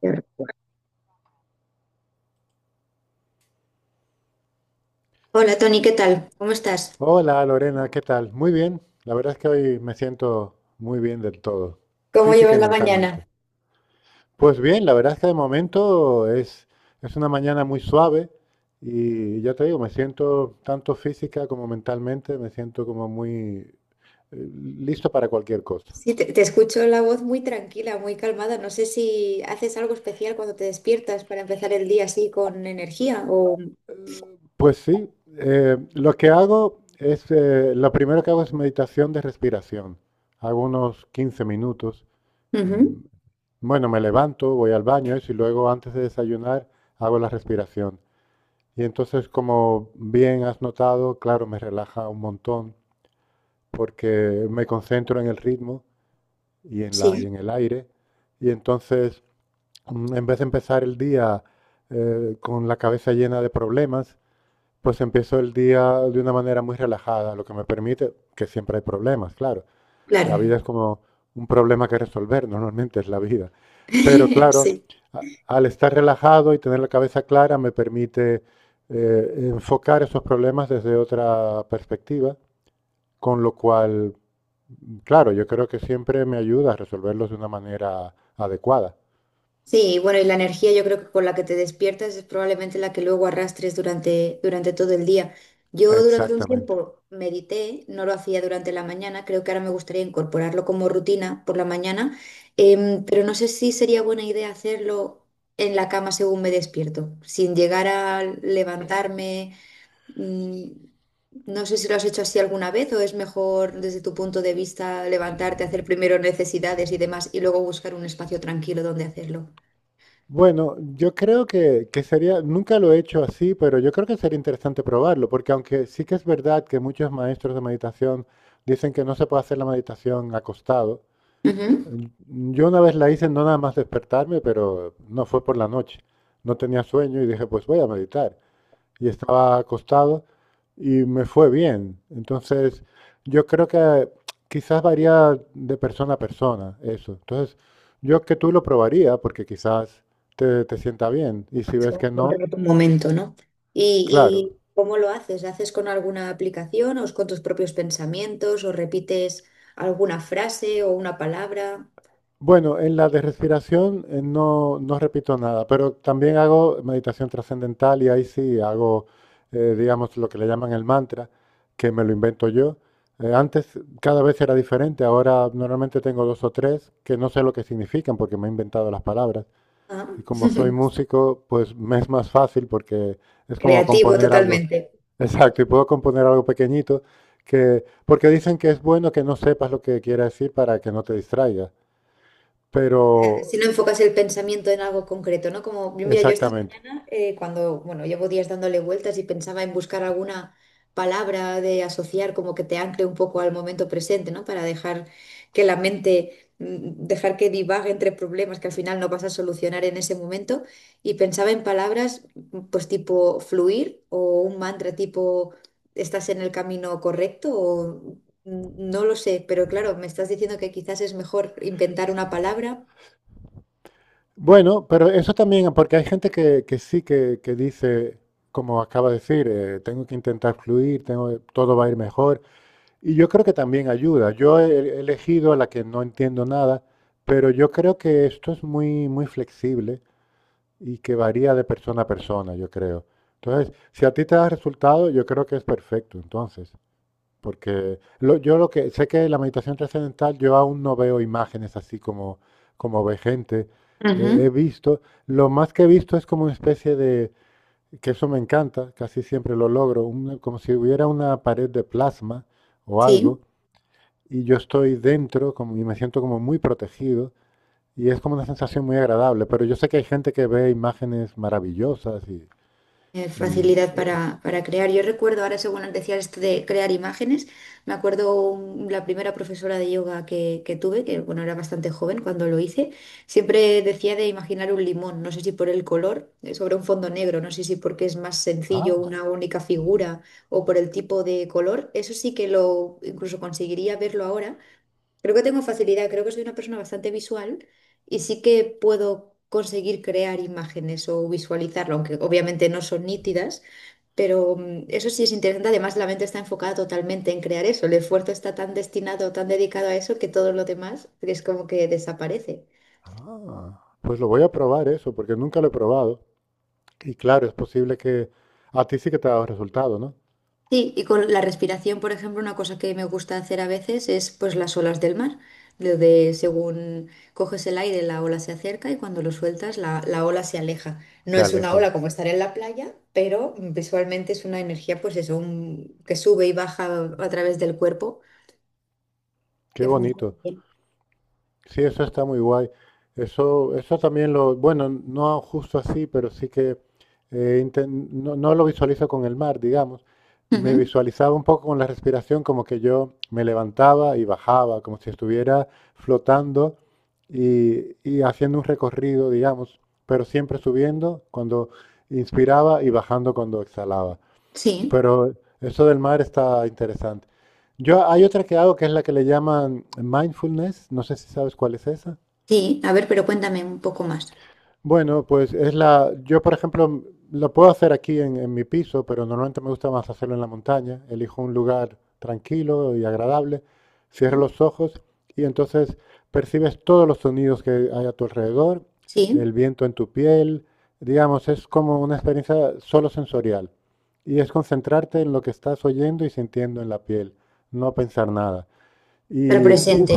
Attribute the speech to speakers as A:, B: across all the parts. A: Qué recuerdo. Hola Tony, ¿qué tal? ¿Cómo estás?
B: Hola Lorena, ¿qué tal? Muy bien, la verdad es que hoy me siento muy bien del todo,
A: ¿Cómo
B: física
A: llevas
B: y
A: la
B: mentalmente.
A: mañana?
B: Pues bien, la verdad es que de momento es una mañana muy suave y ya te digo, me siento tanto física como mentalmente, me siento como muy eh, listo para cualquier cosa.
A: Sí, te escucho la voz muy tranquila, muy calmada. No sé si haces algo especial cuando te despiertas para empezar el día así con energía o...
B: Pues sí, lo que hago es, lo primero que hago es meditación de respiración. Hago unos 15 minutos. Em,
A: Ujú.
B: Bueno, me levanto, voy al baño eso, y luego antes de desayunar hago la respiración. Y entonces, como bien has notado, claro, me relaja un montón porque me concentro en el ritmo y y
A: Sí,
B: en el aire. Y entonces, en vez de empezar el día con la cabeza llena de problemas, pues empiezo el día de una manera muy relajada, lo que me permite, que siempre hay problemas, claro,
A: claro.
B: la vida es como un problema que resolver, normalmente es la vida. Pero claro,
A: Sí.
B: al estar relajado y tener la cabeza clara me permite enfocar esos problemas desde otra perspectiva, con lo cual, claro, yo creo que siempre me ayuda a resolverlos de una manera adecuada.
A: Sí, bueno, y la energía yo creo que con la que te despiertas es probablemente la que luego arrastres durante todo el día. Yo durante un
B: Exactamente.
A: tiempo medité, no lo hacía durante la mañana, creo que ahora me gustaría incorporarlo como rutina por la mañana, pero no sé si sería buena idea hacerlo en la cama según me despierto, sin llegar a levantarme. mm, no sé si lo has hecho así alguna vez o es mejor desde tu punto de vista levantarte, hacer primero necesidades y demás y luego buscar un espacio tranquilo donde hacerlo.
B: Bueno, yo creo que sería, nunca lo he hecho así, pero yo creo que sería interesante probarlo, porque aunque sí que es verdad que muchos maestros de meditación dicen que no se puede hacer la meditación acostado,
A: Ujú.
B: yo una vez la hice no nada más despertarme, pero no fue por la noche, no tenía sueño y dije, pues voy a meditar y estaba acostado y me fue bien. Entonces, yo creo que quizás varía de persona a persona eso. Entonces, yo que tú lo probaría porque quizás te sienta bien y si
A: Es
B: ves
A: como
B: que no,
A: encontrar tu momento, ¿no? ¿Y,
B: claro.
A: y cómo lo haces? ¿Haces con alguna aplicación o es con tus propios pensamientos o repites alguna frase o una palabra?
B: Bueno, en la de respiración no, no repito nada, pero también hago meditación trascendental y ahí sí hago, digamos, lo que le llaman el mantra, que me lo invento yo. Antes cada vez era diferente, ahora normalmente tengo dos o tres que no sé lo que significan porque me he inventado las palabras.
A: Ah.
B: Y como soy músico, pues me es más fácil porque es como
A: Creativo
B: componer algo.
A: totalmente.
B: Exacto, y puedo componer algo pequeñito que, porque dicen que es bueno que no sepas lo que quiere decir para que no te distraigas. Pero
A: Si no enfocas el pensamiento en algo concreto, ¿no? Como, mira, yo esta, sí,
B: exactamente.
A: mañana, cuando, bueno, llevo días dándole vueltas y pensaba en buscar alguna palabra de asociar como que te ancle un poco al momento presente, ¿no? Para dejar que la mente, dejar que divague entre problemas que al final no vas a solucionar en ese momento. Y pensaba en palabras, pues tipo fluir o un mantra tipo, ¿estás en el camino correcto? O, no lo sé, pero claro, me estás diciendo que quizás es mejor inventar una palabra.
B: Bueno, pero eso también, porque hay gente que sí que dice, como acaba de decir, tengo que intentar fluir, todo va a ir mejor. Y yo creo que también ayuda. Yo he elegido a la que no entiendo nada, pero yo creo que esto es muy, muy flexible y que varía de persona a persona, yo creo. Entonces, si a ti te da resultado, yo creo que es perfecto, entonces. Porque yo lo que sé que la meditación trascendental, yo aún no veo imágenes así como ve gente.
A: Ujú.
B: He visto, lo más que he visto es como una especie de, que eso me encanta, casi siempre lo logro, como si hubiera una pared de plasma o
A: Sí,
B: algo, y yo estoy dentro como, y me siento como muy protegido, y es como una sensación muy agradable. Pero yo sé que hay gente que ve imágenes maravillosas y,
A: facilidad
B: eh,
A: para crear. Yo recuerdo ahora, según antes decías esto de crear imágenes, me acuerdo la primera profesora de yoga que tuve, que bueno, era bastante joven cuando lo hice, siempre decía de imaginar un limón, no sé si por el color, sobre un fondo negro, no sé si porque es más sencillo
B: ah,
A: una única figura o por el tipo de color. Eso sí que lo incluso conseguiría verlo ahora. Creo que tengo facilidad, creo que soy una persona bastante visual y sí que puedo conseguir crear imágenes o visualizarlo, aunque obviamente no son nítidas, pero eso sí es interesante. Además, la mente está enfocada totalmente en crear eso. El esfuerzo está tan destinado, tan dedicado a eso que todo lo demás es como que desaparece.
B: pues lo voy a probar eso, porque nunca lo he probado. Y claro, es posible que a ti sí que te ha dado resultado, ¿no?
A: Sí, y con la respiración, por ejemplo, una cosa que me gusta hacer a veces es pues las olas del mar, lo de según coges el aire, la ola se acerca y cuando lo sueltas, la ola se aleja. No
B: Se
A: es una
B: aleja.
A: ola como estar en la playa, pero visualmente es una energía, pues eso, un- que sube y baja a través del cuerpo,
B: Qué
A: que funciona
B: bonito.
A: bien.
B: Sí, eso está muy guay. Eso también lo, bueno, no justo así, pero sí que no, no lo visualizo con el mar, digamos. Me
A: Ujú.
B: visualizaba un poco con la respiración, como que yo me levantaba y bajaba, como si estuviera flotando y haciendo un recorrido, digamos, pero siempre subiendo cuando inspiraba y bajando cuando exhalaba.
A: Sí,
B: Pero eso del mar está interesante. Yo hay otra que hago que es la que le llaman mindfulness, no sé si sabes cuál es esa.
A: sí, a ver, pero cuéntame un poco más.
B: Bueno, pues es la. Yo, por ejemplo, lo puedo hacer aquí en mi piso, pero normalmente me gusta más hacerlo en la montaña. Elijo un lugar tranquilo y agradable, cierro
A: Ujú.
B: los ojos y entonces percibes todos los sonidos que hay a tu alrededor, el
A: Sí,
B: viento en tu piel. Digamos, es como una experiencia solo sensorial. Y es concentrarte en lo que estás oyendo y sintiendo en la piel, no pensar nada.
A: pero
B: Y uf,
A: presente,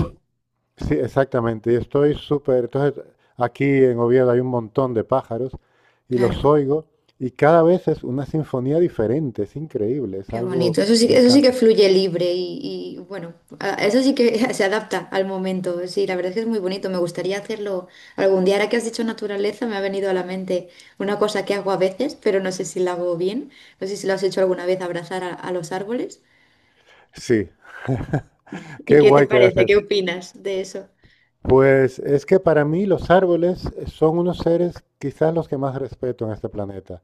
B: sí, exactamente. Y estoy súper. Entonces, aquí en Oviedo hay un montón de pájaros y los
A: claro.
B: oigo y cada vez es una sinfonía diferente. Es increíble. Es
A: Qué
B: algo.
A: bonito,
B: Me
A: eso sí que
B: encanta.
A: fluye libre y, bueno, eso sí que se adapta al momento. Sí, la verdad es que es muy bonito, me gustaría hacerlo algún día. Ahora que has dicho naturaleza, me ha venido a la mente una cosa que hago a veces, pero no sé si la hago bien. No sé si lo has hecho alguna vez, abrazar a los árboles.
B: Sí,
A: ¿Y
B: qué
A: qué te
B: guay que hagas
A: parece? ¿Qué
B: eso.
A: opinas de eso?
B: Pues es que para mí los árboles son unos seres quizás los que más respeto en este planeta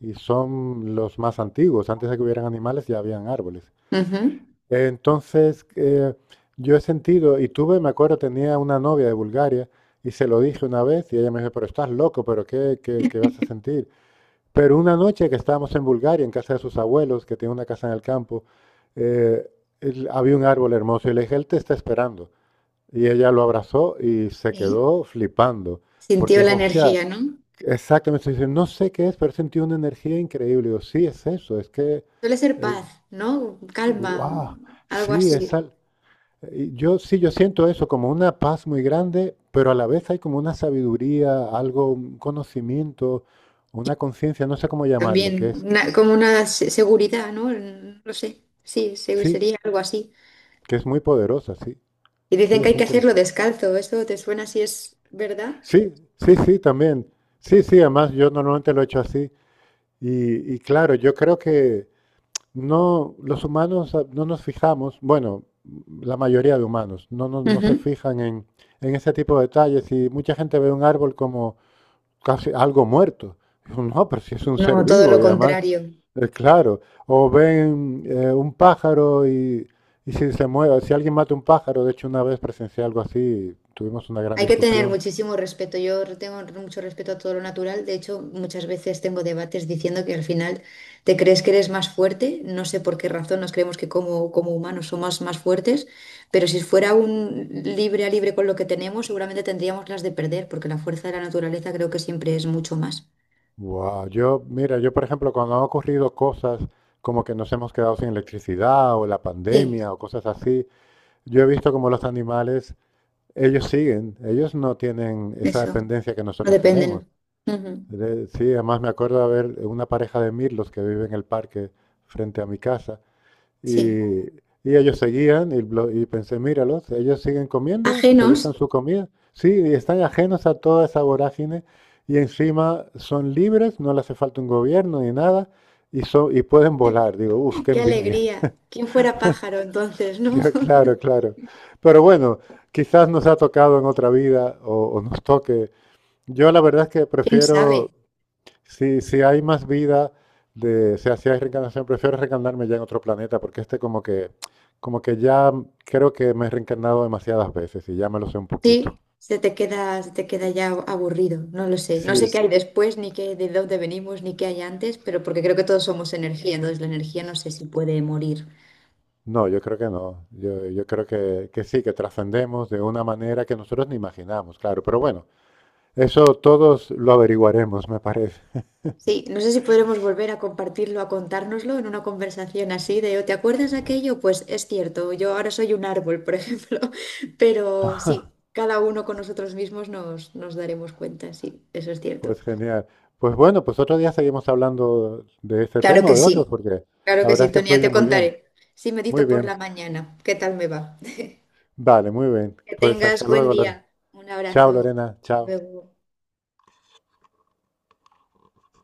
B: y son los más antiguos. Antes de que hubieran animales ya habían árboles.
A: Ujú.
B: Entonces, yo he sentido, y tuve, me acuerdo, tenía una novia de Bulgaria y se lo dije una vez y ella me dijo, pero estás loco, pero ¿qué vas a sentir? Pero una noche que estábamos en Bulgaria, en casa de sus abuelos, que tiene una casa en el campo, eh, había un árbol hermoso y le dije, él te está esperando. Y ella lo abrazó y se
A: Sí.
B: quedó flipando, porque
A: Sintió la
B: dijo, o sea,
A: energía, ¿no?
B: exactamente, dice, no sé qué es, pero sentí una energía increíble. Y digo, sí, es eso, es que,
A: Suele ser paz, ¿no? Calma,
B: wow,
A: algo
B: sí.
A: así.
B: Yo sí, yo siento eso como una paz muy grande, pero a la vez hay como una sabiduría, algo, un conocimiento, una conciencia, no sé cómo llamarle, que
A: También,
B: es,
A: como seguridad, ¿no? No lo sé. Sí,
B: sí,
A: sería algo así.
B: que es muy poderosa, sí,
A: Y
B: sí,
A: dicen que
B: es
A: hay que
B: increíble.
A: hacerlo descalzo. ¿Eso te suena si es verdad?
B: Sí, sí, sí, también. Sí, sí, además yo normalmente lo he hecho así. Y claro, yo creo que no, los humanos no nos fijamos, bueno, la mayoría de humanos no, no, no se
A: Ujú.
B: fijan en ese tipo de detalles y mucha gente ve un árbol como casi algo muerto. No, pero si es un ser
A: No, todo lo
B: vivo y además,
A: contrario.
B: claro, o ven un pájaro y si se mueve, si alguien mata un pájaro, de hecho una vez presencié algo así, tuvimos una gran
A: Hay que tener
B: discusión.
A: muchísimo respeto. Yo tengo mucho respeto a todo lo natural. De hecho, muchas veces tengo debates diciendo que al final te crees que eres más fuerte. No sé por qué razón nos creemos que como, como humanos somos más fuertes, pero si fuera un libre a libre con lo que tenemos, seguramente tendríamos las de perder, porque la fuerza de la naturaleza creo que siempre es mucho más.
B: Wow, yo, mira, yo por ejemplo, cuando han ocurrido cosas como que nos hemos quedado sin electricidad o la
A: Sí,
B: pandemia o cosas así, yo he visto como los animales, ellos siguen, ellos no tienen esa
A: eso.
B: dependencia que
A: No
B: nosotros tenemos.
A: dependen. Ujú.
B: Sí, además me acuerdo de ver una pareja de mirlos que vive en el parque frente a mi casa
A: Sí.
B: y, y ellos seguían y pensé, míralos, ellos siguen comiendo, se
A: Ajenos.
B: buscan su comida. Sí, y están ajenos a toda esa vorágine y encima son libres, no les hace falta un gobierno ni nada y pueden volar. Digo, uff, qué
A: Qué
B: envidia.
A: alegría. ¿Quién fuera pájaro entonces, no?
B: Ya, claro, claro. Pero bueno, quizás nos ha tocado en otra vida o nos toque. Yo la verdad es que
A: ¿Quién sabe?
B: prefiero. Si, si hay más vida de, o sea, si hay reencarnación, prefiero reencarnarme ya en otro planeta, porque este como que, ya creo que me he reencarnado demasiadas veces y ya me lo sé un poquito.
A: Sí, se te queda ya aburrido, no lo sé. No
B: Sí,
A: sé qué hay después, ni qué de dónde venimos, ni qué hay antes, pero porque creo que todos somos energía, entonces la energía no
B: s-
A: sé si puede morir.
B: no, yo creo que no. Yo creo que sí, que trascendemos de una manera que nosotros ni imaginamos, claro. Pero bueno, eso todos lo averiguaremos, me parece.
A: Sí, no sé si podremos volver a compartirlo, a contárnoslo en una conversación así de, "Oh, ¿te acuerdas de aquello? Pues es cierto, yo ahora soy un árbol, por ejemplo". Pero
B: Ajá,
A: sí, cada uno con nosotros mismos nos, nos daremos cuenta, sí, eso es cierto.
B: pues genial. Pues bueno, pues otro día seguimos hablando de este
A: Claro
B: tema o
A: que
B: de
A: sí,
B: otros, porque
A: claro
B: la
A: que sí,
B: verdad es que
A: Tonia,
B: fluye
A: te
B: muy bien.
A: contaré. Sí,
B: Muy
A: medito por
B: bien.
A: la mañana, ¿qué tal me va?
B: Vale, muy bien.
A: Que
B: Pues
A: tengas
B: hasta
A: buen
B: luego, Lorena.
A: día. Un
B: Chao,
A: abrazo.
B: Lorena.
A: Hasta
B: Chao.
A: luego.